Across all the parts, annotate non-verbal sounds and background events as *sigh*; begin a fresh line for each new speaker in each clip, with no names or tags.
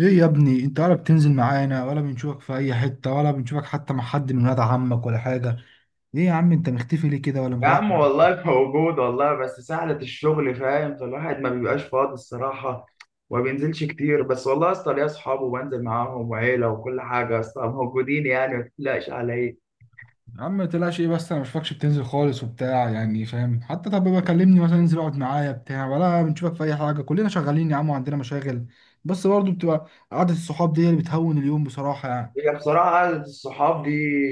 ايه يا ابني، انت ولا بتنزل معانا، ولا بنشوفك في اي حتة، ولا بنشوفك حتى مع حد من ولاد عمك ولا حاجة. ايه يا عم، انت مختفي ليه كده ولا
يا عم
متوحد؟
والله موجود والله بس سهلة الشغل فاهم فالواحد ما بيبقاش فاضي الصراحة وما بينزلش كتير بس والله يا اسطى ليا اصحاب وبنزل معاهم وعيلة وكل حاجة يا اسطى موجودين يعني ما تقلقش على ايه.
يا عم ما تقلقش ايه، بس انا مش فاكش بتنزل خالص وبتاع، يعني فاهم؟ حتى طب بقى كلمني مثلا، انزل اقعد معايا بتاع ولا بنشوفك في اي حاجة. كلنا شغالين يا عم وعندنا مشاغل. بس برضه بتبقى قعدة الصحاب دي هي اللي بتهون اليوم بصراحة يعني.
هي بصراحة قعدة الصحاب دي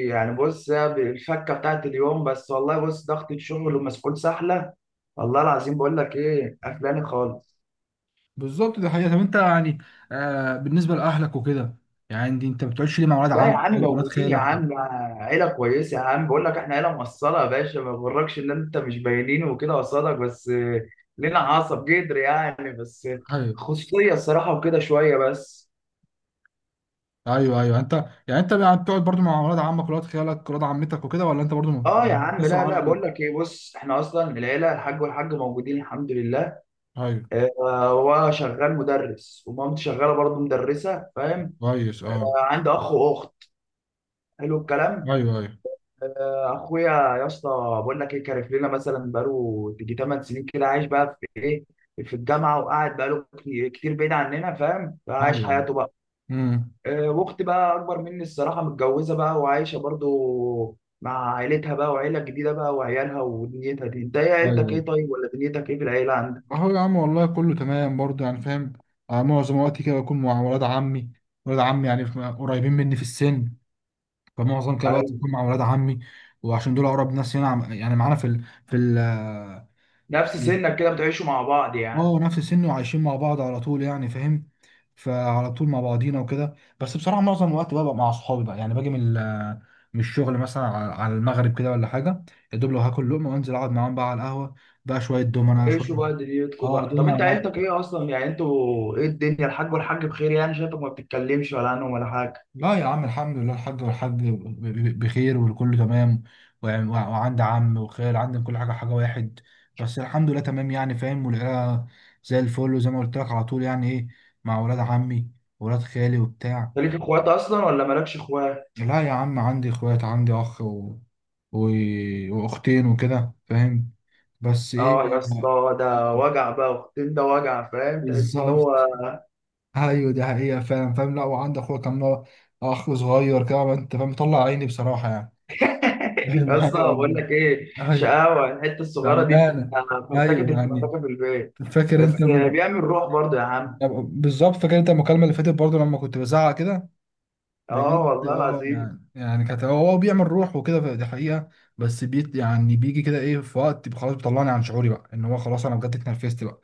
يعني بص هي الفكة بتاعت اليوم بس والله بص ضغط الشغل ومسؤول سهلة. والله العظيم بقول لك ايه قفلاني خالص.
بالظبط، دي حقيقة. طب انت يعني، بالنسبة لأهلك وكده، يعني انت ما بتقعدش ليه مع ولاد
لا يا
عمك
عم
أو ولاد
موجودين يا
خالك؟
عم، عيلة كويسة يا عم بقول لك احنا عيلة موصلة يا باشا ما يغركش ان انت مش باينين وكده قصادك بس لنا عصب جدر يعني بس
و...
خصوصية الصراحة وكده شوية بس.
ايوه ايوه، انت بقى بتقعد برضو مع ولاد عمك، ولاد خالك، ولاد عمتك وكده، ولا انت برضو
اه يا عم
مفصل
لا
عنهم؟
بقول لك ايه بص احنا اصلا العيلة الحاج والحاج موجودين الحمد لله.
ايوه.
آه، هو شغال مدرس ومامتي شغالة برضه مدرسة فاهم.
كويس اه.
عندي اخ واخت. حلو الكلام.
ايوه، ايوه،
اخويا يا اسطى بقول لك ايه كارف لنا مثلا بقاله تيجي 8 سنين كده عايش بقى في ايه في الجامعه وقاعد بقاله كتير بعيد عننا فاهم فعايش
ايوه.
حياته بقى.
امم.
واختي بقى اكبر مني الصراحه متجوزه بقى وعايشه برضو مع عيلتها بقى وعيله جديده بقى وعيالها ودنيتها دي انت ايه عيلتك
ايوه،
ايه طيب ولا دنيتك ايه في العيله عندك؟
اهو يا عم والله كله تمام برضو، يعني فاهم. آه، معظم وقتي كده بكون مع ولاد عمي. ولاد عمي يعني قريبين مني في السن. فمعظم كده الوقت
أيوة.
بكون مع ولاد عمي، وعشان دول اقرب ناس هنا، يعني معانا
نفس سنك كده بتعيشوا مع بعض يعني؟
اه، نفس السن وعايشين مع بعض على طول يعني فاهم. فعلى طول مع بعضينا وكده، بس بصراحه معظم الوقت ببقى مع اصحابي بقى، يعني باجي من الشغل مثلا، على المغرب كده ولا حاجه. يا دوب لو هاكل لقمه وانزل اقعد معاهم بقى على القهوه، بقى شويه دومنا شويه.
عيشوا بقى دنيتكم
اه
بقى طب
دومنا
انت عيلتك
بقى.
ايه اصلا يعني انتوا ايه الدنيا الحاج والحاج بخير يعني شايفك ما بتتكلمش ولا عنهم ولا حاجه.
لا يا عم، الحمد لله، الحاج والحاج بخير، والكل تمام. وعندي عم وخال، عندي كل حاجه، حاجه واحد. بس الحمد لله تمام يعني فاهم، والعيله زي الفل، وزي ما قلت لك على طول، يعني ايه، مع ولاد عمي، ولاد خالي وبتاع.
انت ليك اخوات اصلا ولا مالكش اخوات؟
لا يا عم، عندي اخوات، عندي اخ و... واختين وكده فاهم. بس
اه يا
ايه.
اسطى ده
*laughs*
وجع بقى اختين ده وجع فاهم تحس ان
بالظبط.
هو
ايوه دي حقيقة، فاهم. لا وعندي اخويا، كان هو اخ صغير كده انت فاهم، مطلع عيني بصراحة يعني.
*laughs*
*laughs* فاهم،
يا اسطى
ايوه
بقول
والله.
لك ايه
ايوه،
شقاوه الحته الصغيره دي
بأمانة،
بتبقى فرتكه
ايوه
الفرتكه
يعني.
في البيت.
فاكر انت
بس بيعمل روح برضه يا عم.
بالظبط، فاكر انت المكالمة اللي فاتت برضه لما كنت بزعق كده؟
اه
بجد،
والله
اه،
العظيم.
يعني كانت، هو بيعمل روح وكده، دي حقيقة. بس بيت يعني بيجي كده ايه في وقت خلاص، بيطلعني عن شعوري بقى، ان هو خلاص انا بجد اتنرفزت بقى.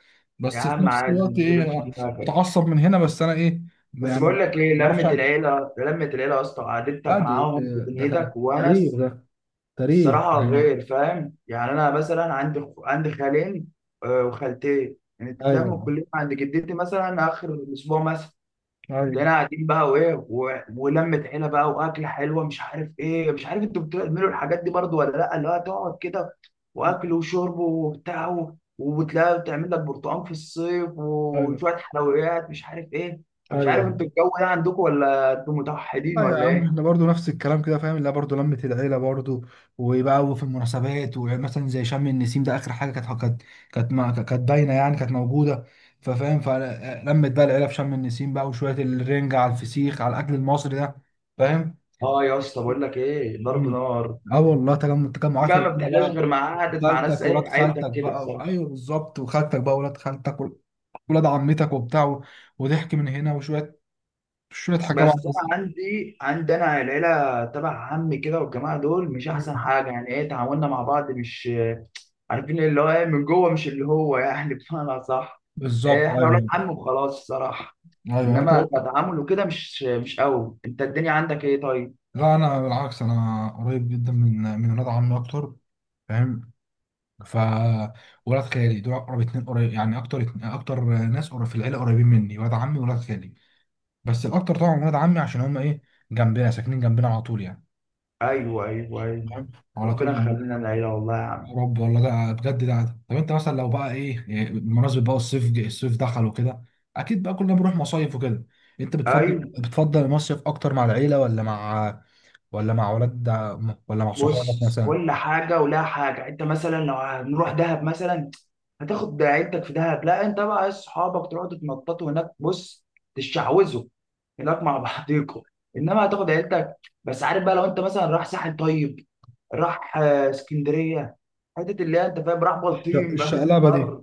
يا
بس في
عم
نفس
عادي ما
الوقت ايه،
تشغلش
أنا
دماغك،
بتعصب من هنا، بس انا ايه
بس
يعني،
بقول لك ايه
ما
لمه
اعرفش اعمل إيه.
العيله لمه العيله يا اسطى قعدتك
لا دي،
معاهم في
ده
دنيتك
تاريخ،
وونس
ده تاريخ
الصراحة
يعني.
غير فاهم يعني أنا مثلا عندي خالين وخالتين يعني
ايوه،
تلم كلنا عند جدتي مثلا آخر الأسبوع مثلا
ايوه،
تلاقينا قاعدين بقى ولمة عيلة بقى وأكلة حلوة مش عارف إيه، مش عارف أنتوا بتعملوا الحاجات دي برضو ولا لأ اللي هو تقعد كده وأكل وشرب وتلاقي بتعمل لك برتقال في الصيف
ايوه،
وشوية حلويات مش عارف إيه، مش عارف
ايوه.
أنتوا الجو ده عندكم ولا أنتوا متوحدين
لا يا
ولا
عم،
إيه؟
احنا برضو نفس الكلام كده فاهم، اللي هي برضو لمة العيلة برضو. وبقى في المناسبات، ومثلا زي شم النسيم ده، آخر حاجة كانت باينة يعني، كانت موجودة. ففاهم، فلمت بقى العيلة في شم النسيم بقى، وشوية الرنجة، على الفسيخ، على الأكل المصري ده فاهم.
آه يا اسطى بقول لك إيه ضرب
مم.
نار.
اه والله، تجمع
دي
تجمعات
بقى ما
العيلة
بتحلاش غير
بقى.
مع قعدة مع ناس
خالتك، ولاد
ايه عيلتك
خالتك
كده
بقى،
الصراحة.
ايوه بالظبط، وخالتك بقى، ولاد خالتك، ولاد عمتك وبتاع، وضحك من هنا، وشوية شوية حاجات بقى.
بس انا عندي انا العيلة تبع عمي كده والجماعة دول مش احسن حاجة يعني ايه تعاملنا مع بعض مش عارفين اللي هو ايه من جوه مش اللي هو يعني *laughs* بمعنى صح. إيه
بالظبط،
احنا ولاد
ايوه
عم وخلاص الصراحة،
ايوه انت.
انما كتعامل وكده مش قوي. انت الدنيا عندك ايه طيب؟
لا انا بالعكس، انا قريب جدا من ولاد عمي اكتر، فاهم. ف ولاد خالي دول اقرب اتنين قريب يعني، اكتر اتنين اكتر ناس قريب في العيله، قريبين مني ولاد عمي وولاد خالي. بس الاكتر طبعا ولاد عمي، عشان هم ايه، جنبنا، ساكنين جنبنا على طول يعني،
ايوه ايوه ايوه،
فاهم، على طول
ربنا
موجود.
يخلينا العيلة والله يا عم.
يا رب والله. ده بجد ده، طب انت مثلا لو بقى ايه، بمناسبه بقى، الصيف دخل وكده، اكيد بقى كلنا بنروح مصايف وكده. انت بتفضل
ايوه
بتفضل المصيف اكتر مع العيله، ولا مع، ولا مع ولاد ولا مع صحابك
بص
مثلا؟
كل حاجه ولها حاجه، انت مثلا لو هنروح دهب مثلا هتاخد عيلتك في دهب، لا انت بقى اصحابك تروحوا تتنططوا هناك بص تشعوذوا هناك مع *laughs* بعضيكوا انما هتاخد عيلتك. بس عارف بقى لو انت مثلا راح ساحل طيب راح اسكندريه حته اللي هي انت فاهم راح بلطيم *laughs* راح
الشقلبه دي.
بر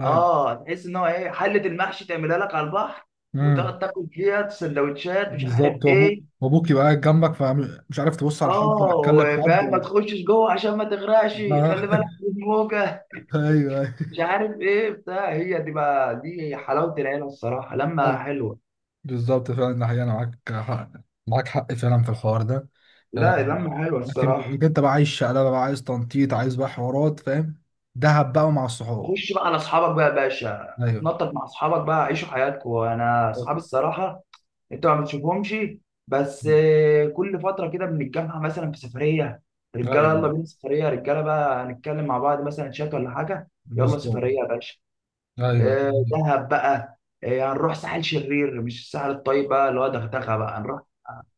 ايوه.
اه تحس ان هو ايه حله المحشي تعملها لك على البحر
امم.
وتقعد تاكل فيها سندوتشات مش عارف
بالظبط، وابوك
ايه.
وابوك يبقى قاعد جنبك، فمش عارف تبص على حد ولا
اه
تكلم حد
وفاهم ما
ولا
تخشش جوه عشان ما تغرقش، خلي بالك
آه.
من الموجه
*laughs* ايوه ايوه
مش عارف ايه بتاع. هي دي بقى دي حلاوه العيله الصراحه لما
أيوة.
حلوه.
بالظبط فعلا، ده حقيقة، انا معاك حق، معاك حق فعلا في الحوار ده. آه.
لا لما حلوه
لكن
الصراحه.
لكن انت بقى عايز شقلبه بقى، عايز تنطيط، عايز بقى حوارات فاهم، دهب بقى مع الصحاب.
خش بقى على اصحابك بقى يا باشا
ايوه،
نطط مع اصحابك بقى عيشوا حياتكم. انا اصحابي الصراحه انتوا ما بتشوفهمش بس كل فتره كده بنتجمع مثلا في سفريه رجاله، يلا
ايوه،
بينا سفريه رجاله بقى هنتكلم مع بعض مثلا شات ولا حاجه. يلا
بالظبط،
سفريه يا باشا
ايوه.
دهب بقى، هنروح ساحل شرير مش الساحل الطيب بقى اللي هو دغدغه، بقى هنروح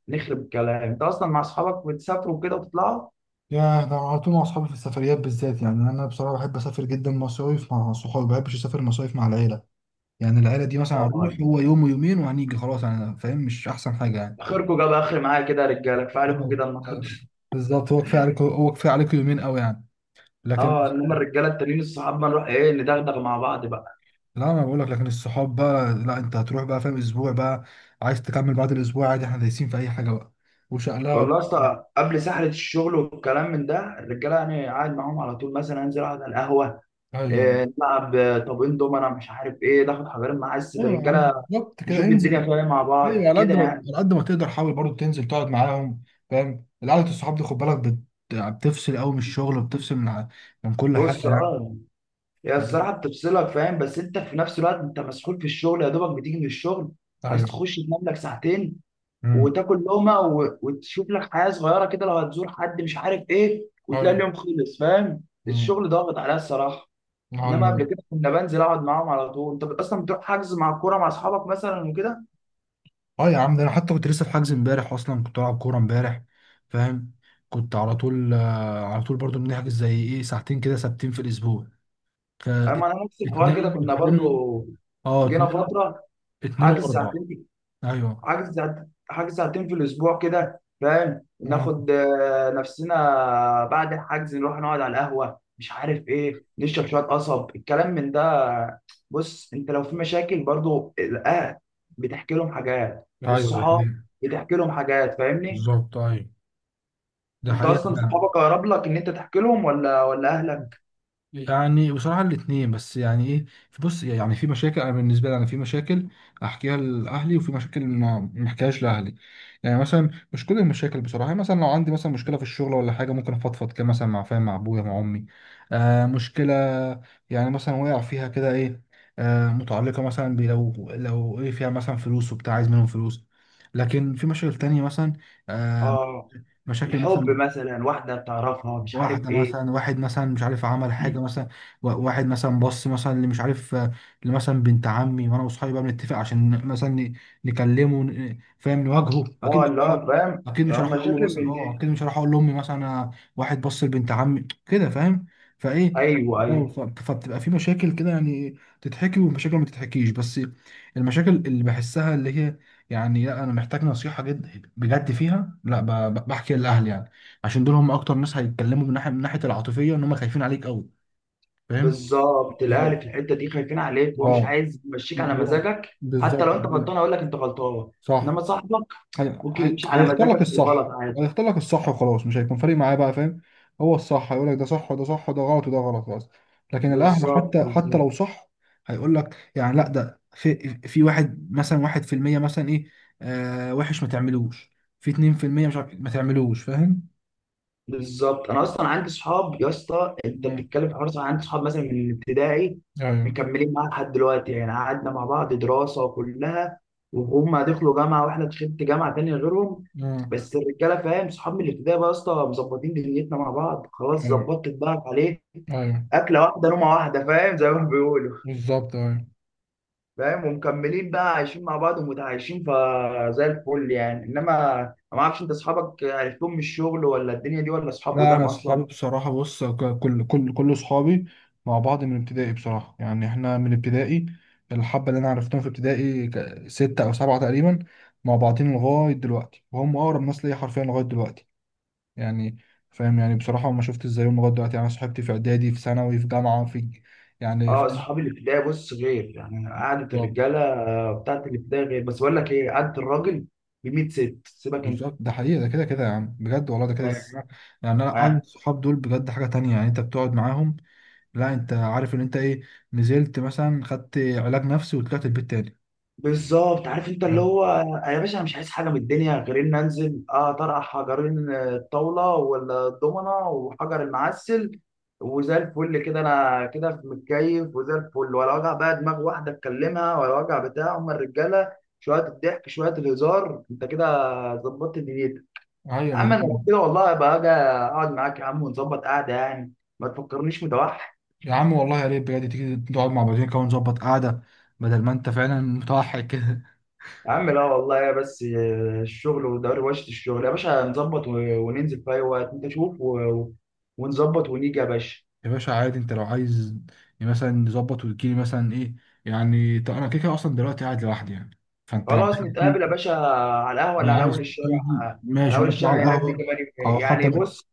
نخرب الكلام. انت اصلا مع اصحابك بتسافروا كده وتطلعوا؟
يا ده، أنا على طول مع اصحابي في السفريات بالذات، يعني انا بصراحه بحب اسافر جدا مصايف مع صحابي، ما بحبش اسافر مصايف مع العيله. يعني العيله دي مثلا، هنروح
اه
هو يوم ويومين وهنيجي خلاص، يعني فاهم مش احسن حاجه يعني.
اخركم جاب اخر معايا كده يا رجاله كفايه عليكم
طبعاً.
كده النهارده.
بالظبط، هو كفايه عليك، هو كفايه عليك يومين قوي يعني.
*laughs*
لكن،
اه انما الرجاله التانيين الصحاب ما نروح ايه ندغدغ مع بعض بقى.
لا انا بقول لك، لكن الصحاب بقى، لا انت هتروح بقى فاهم اسبوع بقى، عايز تكمل بعد الاسبوع عادي، احنا دايسين في اي حاجه بقى، وشقلها.
والله اصلا قبل سحله الشغل والكلام من ده الرجاله يعني قاعد معاهم على طول، مثلا انزل اقعد على القهوه
ايوه
إيه نلعب طابين دومنا مش عارف ايه، ناخد حجرين معاه
ايوه يا عم،
الرجاله
بالظبط كده
نشوف الدنيا
انزل.
فيها إيه مع
ايوه،
بعض
على قد
كده
ما
يعني.
على قد ما تقدر، حاول برضو تنزل تقعد معاهم. فاهم، القعده الصحاب دي خد بالك بتفصل قوي من الشغل، وبتفصل من كل حاجه
بص
يعني.
اه هي
فاهم؟
الصراحة بتفصلك فاهم، بس انت في نفس الوقت انت مسحول في الشغل يا دوبك بتيجي من الشغل عايز تخش تنام لك ساعتين
ايوه،
وتاكل لقمة وتشوف لك حياة صغيرة كده لو هتزور حد مش عارف ايه، وتلاقي
ايوه،
اليوم خلص فاهم
أمم،
الشغل ضاغط عليا الصراحة. انما
ايوه.
قبل كده كنا بنزل اقعد معاهم على طول. انت اصلا بتروح حجز مع الكورة مع اصحابك مثلا وكده؟
اه يا عم، ده انا حتى كنت لسه في حجز امبارح، اصلا كنت بلعب كوره امبارح فاهم. كنت على طول، على طول برضو بنحجز زي ايه ساعتين كده ثابتين في الاسبوع. ف
اما انا نفس الحوار كده
اتنين
كنا
اتنين،
برضو
اه
جينا
اتنين،
فترة
اتنين
حاجز
واربعة.
ساعتين،
ايوه.
حاجز ساعتين في الاسبوع كده فاهم
أمم.
ناخد نفسنا، بعد الحجز نروح نقعد على القهوه مش عارف ايه نشرب شويه قصب الكلام من ده. بص انت لو في مشاكل برضو الاهل بتحكي لهم حاجات،
ايوه، ده
والصحاب
حقيقي.
بتحكي لهم حاجات فاهمني.
بالظبط، ايوه، ده
انت اصلا
حقيقة.
صحابك اقرب لك ان انت تحكي لهم ولا اهلك؟
فعلا، يعني بصراحة الاتنين، بس يعني ايه، بص يعني في مشاكل، انا بالنسبة لي انا في مشاكل احكيها لاهلي، وفي مشاكل ما احكيهاش لاهلي. يعني مثلا مش كل المشاكل بصراحة، يعني مثلا لو عندي مثلا مشكلة في الشغل ولا حاجة، ممكن افضفض كده مثلا، مع فاهم، مع ابويا، مع امي. آه، مشكلة يعني مثلا وقع فيها كده ايه، آه متعلقة مثلا لو ايه فيها مثلا فلوس وبتاع، عايز منهم فلوس. لكن في مشاكل تانية مثلا، آه،
اه
مشاكل
الحب
مثلا،
مثلا واحده بتعرفها مش عارف
واحدة
ايه.
مثلا، واحد مثلا مش عارف عمل حاجة مثلا، واحد مثلا، بص مثلا اللي مش عارف، آه، اللي مثلا بنت عمي، وانا واصحابي بقى بنتفق عشان مثلا نكلمه، فاهم نواجهه، اكيد
اه
مش هروح،
لا فاهم
اكيد مش هروح اقول له
مشاكل
مثلا،
من
اه
دي.
اكيد مش هروح اقول لامي مثلا، آه، واحد بص لبنت عمي كده فاهم، فايه،
ايوه
اه،
ايوه.
فبتبقى في مشاكل كده يعني، تتحكي، ومشاكل ما تتحكيش، بس المشاكل اللي بحسها، اللي هي يعني، لا انا محتاج نصيحة جد بجد فيها، لا بحكي لاهلي يعني، عشان دول هم اكتر ناس هيتكلموا من ناحيه العاطفيه، ان هم خايفين عليك قوي، فاهم.
بالظبط الاهل
بالظبط،
في الحته دي خايفين عليك وهو مش
اه،
عايز يمشيك على
هو-
مزاجك، حتى
بالظبط.
لو انت غلطان هيقول لك انت غلطان.
صح.
انما صاحبك
هي...
ممكن يمشي على
هيختار لك
مزاجك وغلط
الصح،
عادي.
هيختار لك الصح وخلاص، مش هيكون فارق معاه بقى فاهم. هو الصح هيقول لك ده صح، وده صح، وده غلط، وده غلط، خلاص. لكن الاهل
بالظبط
حتى
بالظبط.
لو صح هيقول لك يعني، لا ده في، في واحد مثلا، 1% مثلا ايه، آه وحش، ما تعملوش، في 2% مش عارف ما تعملوش فاهم.
بالظبط انا اصلا عندي صحاب يا اسطى انت
مم.
بتتكلم في حوار صح، عندي صحاب مثلا من الابتدائي
ايوه.
مكملين معايا لحد دلوقتي يعني قعدنا مع بعض دراسه وكلها، وهم دخلوا جامعه واحنا دخلت جامعه تانيه غيرهم.
مم.
بس الرجاله فاهم صحاب من الابتدائي بقى يا اسطى مظبطين دنيتنا مع بعض خلاص
ايوه،
ظبطت بقى عليه،
ايوه،
اكله واحده نومه واحده فاهم زي ما بيقولوا،
بالظبط، اه.
فاهم. ومكملين بقى عايشين مع بعض ومتعايشين فزي الفل يعني. انما ما اعرفش انت اصحابك عرفتهم من الشغل ولا الدنيا دي ولا اصحاب
لا
قدام
انا
اصلا؟
اصحابي بصراحه، بص، كل اصحابي مع بعض من ابتدائي بصراحه، يعني احنا من ابتدائي، الحبه اللي انا عرفتهم في ابتدائي سته او سبعه تقريبا، مع بعضين لغايه دلوقتي، وهم اقرب ناس ليا حرفيا لغايه دلوقتي يعني، فاهم يعني. بصراحه ما شفتش زيهم لغايه دلوقتي، يعني أنا صاحبتي في اعدادي، في ثانوي، في جامعه، يعني
اه
فاهم.
اصحاب الابتدائي بص غير يعني قعده
بالظبط
الرجاله بتاعت الابتدائي غير. بس بقول لك ايه قعده الراجل ب 100 ست سيبك انت.
بالظبط، ده حقيقه ده، كده كده يا عم بجد والله، ده كده كده.
بس
يعني انا قعدة
آه.
الصحاب دول بجد حاجه تانية، يعني انت بتقعد معاهم. لا انت عارف ان انت ايه، نزلت مثلا خدت علاج نفسي وطلعت البيت تاني.
بالظبط عارف انت اللي
نعم.
هو يا باشا انا مش عايز حاجه من الدنيا غير ان انزل اه طرح حجرين الطاوله ولا الضمنه وحجر المعسل، وزي الفل كده انا كده متكيف وزي الفل ولا وجع بقى دماغ واحده اتكلمها ولا وجع بتاع، هم الرجاله شويه الضحك شويه الهزار انت كده ظبطت دنيتك.
ايوه
اما انا
بالظبط.
لو كده والله بقى اجي اقعد معاك يا عم ونظبط قعده يعني، ما تفكرنيش متوحد.
يا عم والله، يا ريت بجد تيجي نقعد مع بعضين كده ونظبط قعده، بدل ما انت فعلا متوحد كده.
يا عم لا والله يا بس الشغل ودروشة الشغل يا باشا نظبط وننزل في أي وقت أنت شوف ونظبط ونيجي يا باشا.
*laughs* يا باشا عادي، انت لو عايز مثلا نظبط وتجيلي مثلا ايه، يعني طب انا كده كده اصلا دلوقتي قاعد لوحدي يعني، فانت لو
خلاص
عايز
نتقابل يا
تيجي
باشا على القهوة اللي
لو
على أول
عايز
الشارع،
تيجي
على
ماشي،
أول
نقعد شوية على
الشارع هناك دي
القهوه،
كمان يومين
او حتى
يعني
انا،
بص،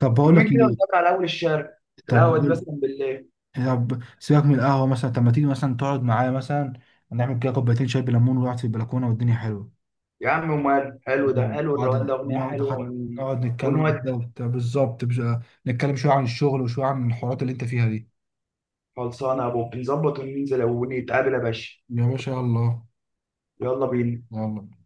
طب بقول لك
يومين كده
ايه،
ونتقابل على أول الشارع،
طب
القهوة دي مثلا بالليل.
يعني، طب سيبك من القهوة مثلا، طب ما تيجي مثلا تقعد معايا مثلا، نعمل كده كوبايتين شاي بليمون، ونقعد في البلكونة والدنيا حلوة،
يا عم ومال حلو ده،
يعني
حلو الروان ده أغنية حلوة
نقعد نتكلم كده
ونودي.
وبتاع. بالظبط، نتكلم شوية عن الشغل، وشوية عن الحوارات اللي انت فيها دي.
خلصانة يا أبو، نظبط وننزل ونتقابل يا باشا،
يا باشا يلا،
يلا بينا.
يلا.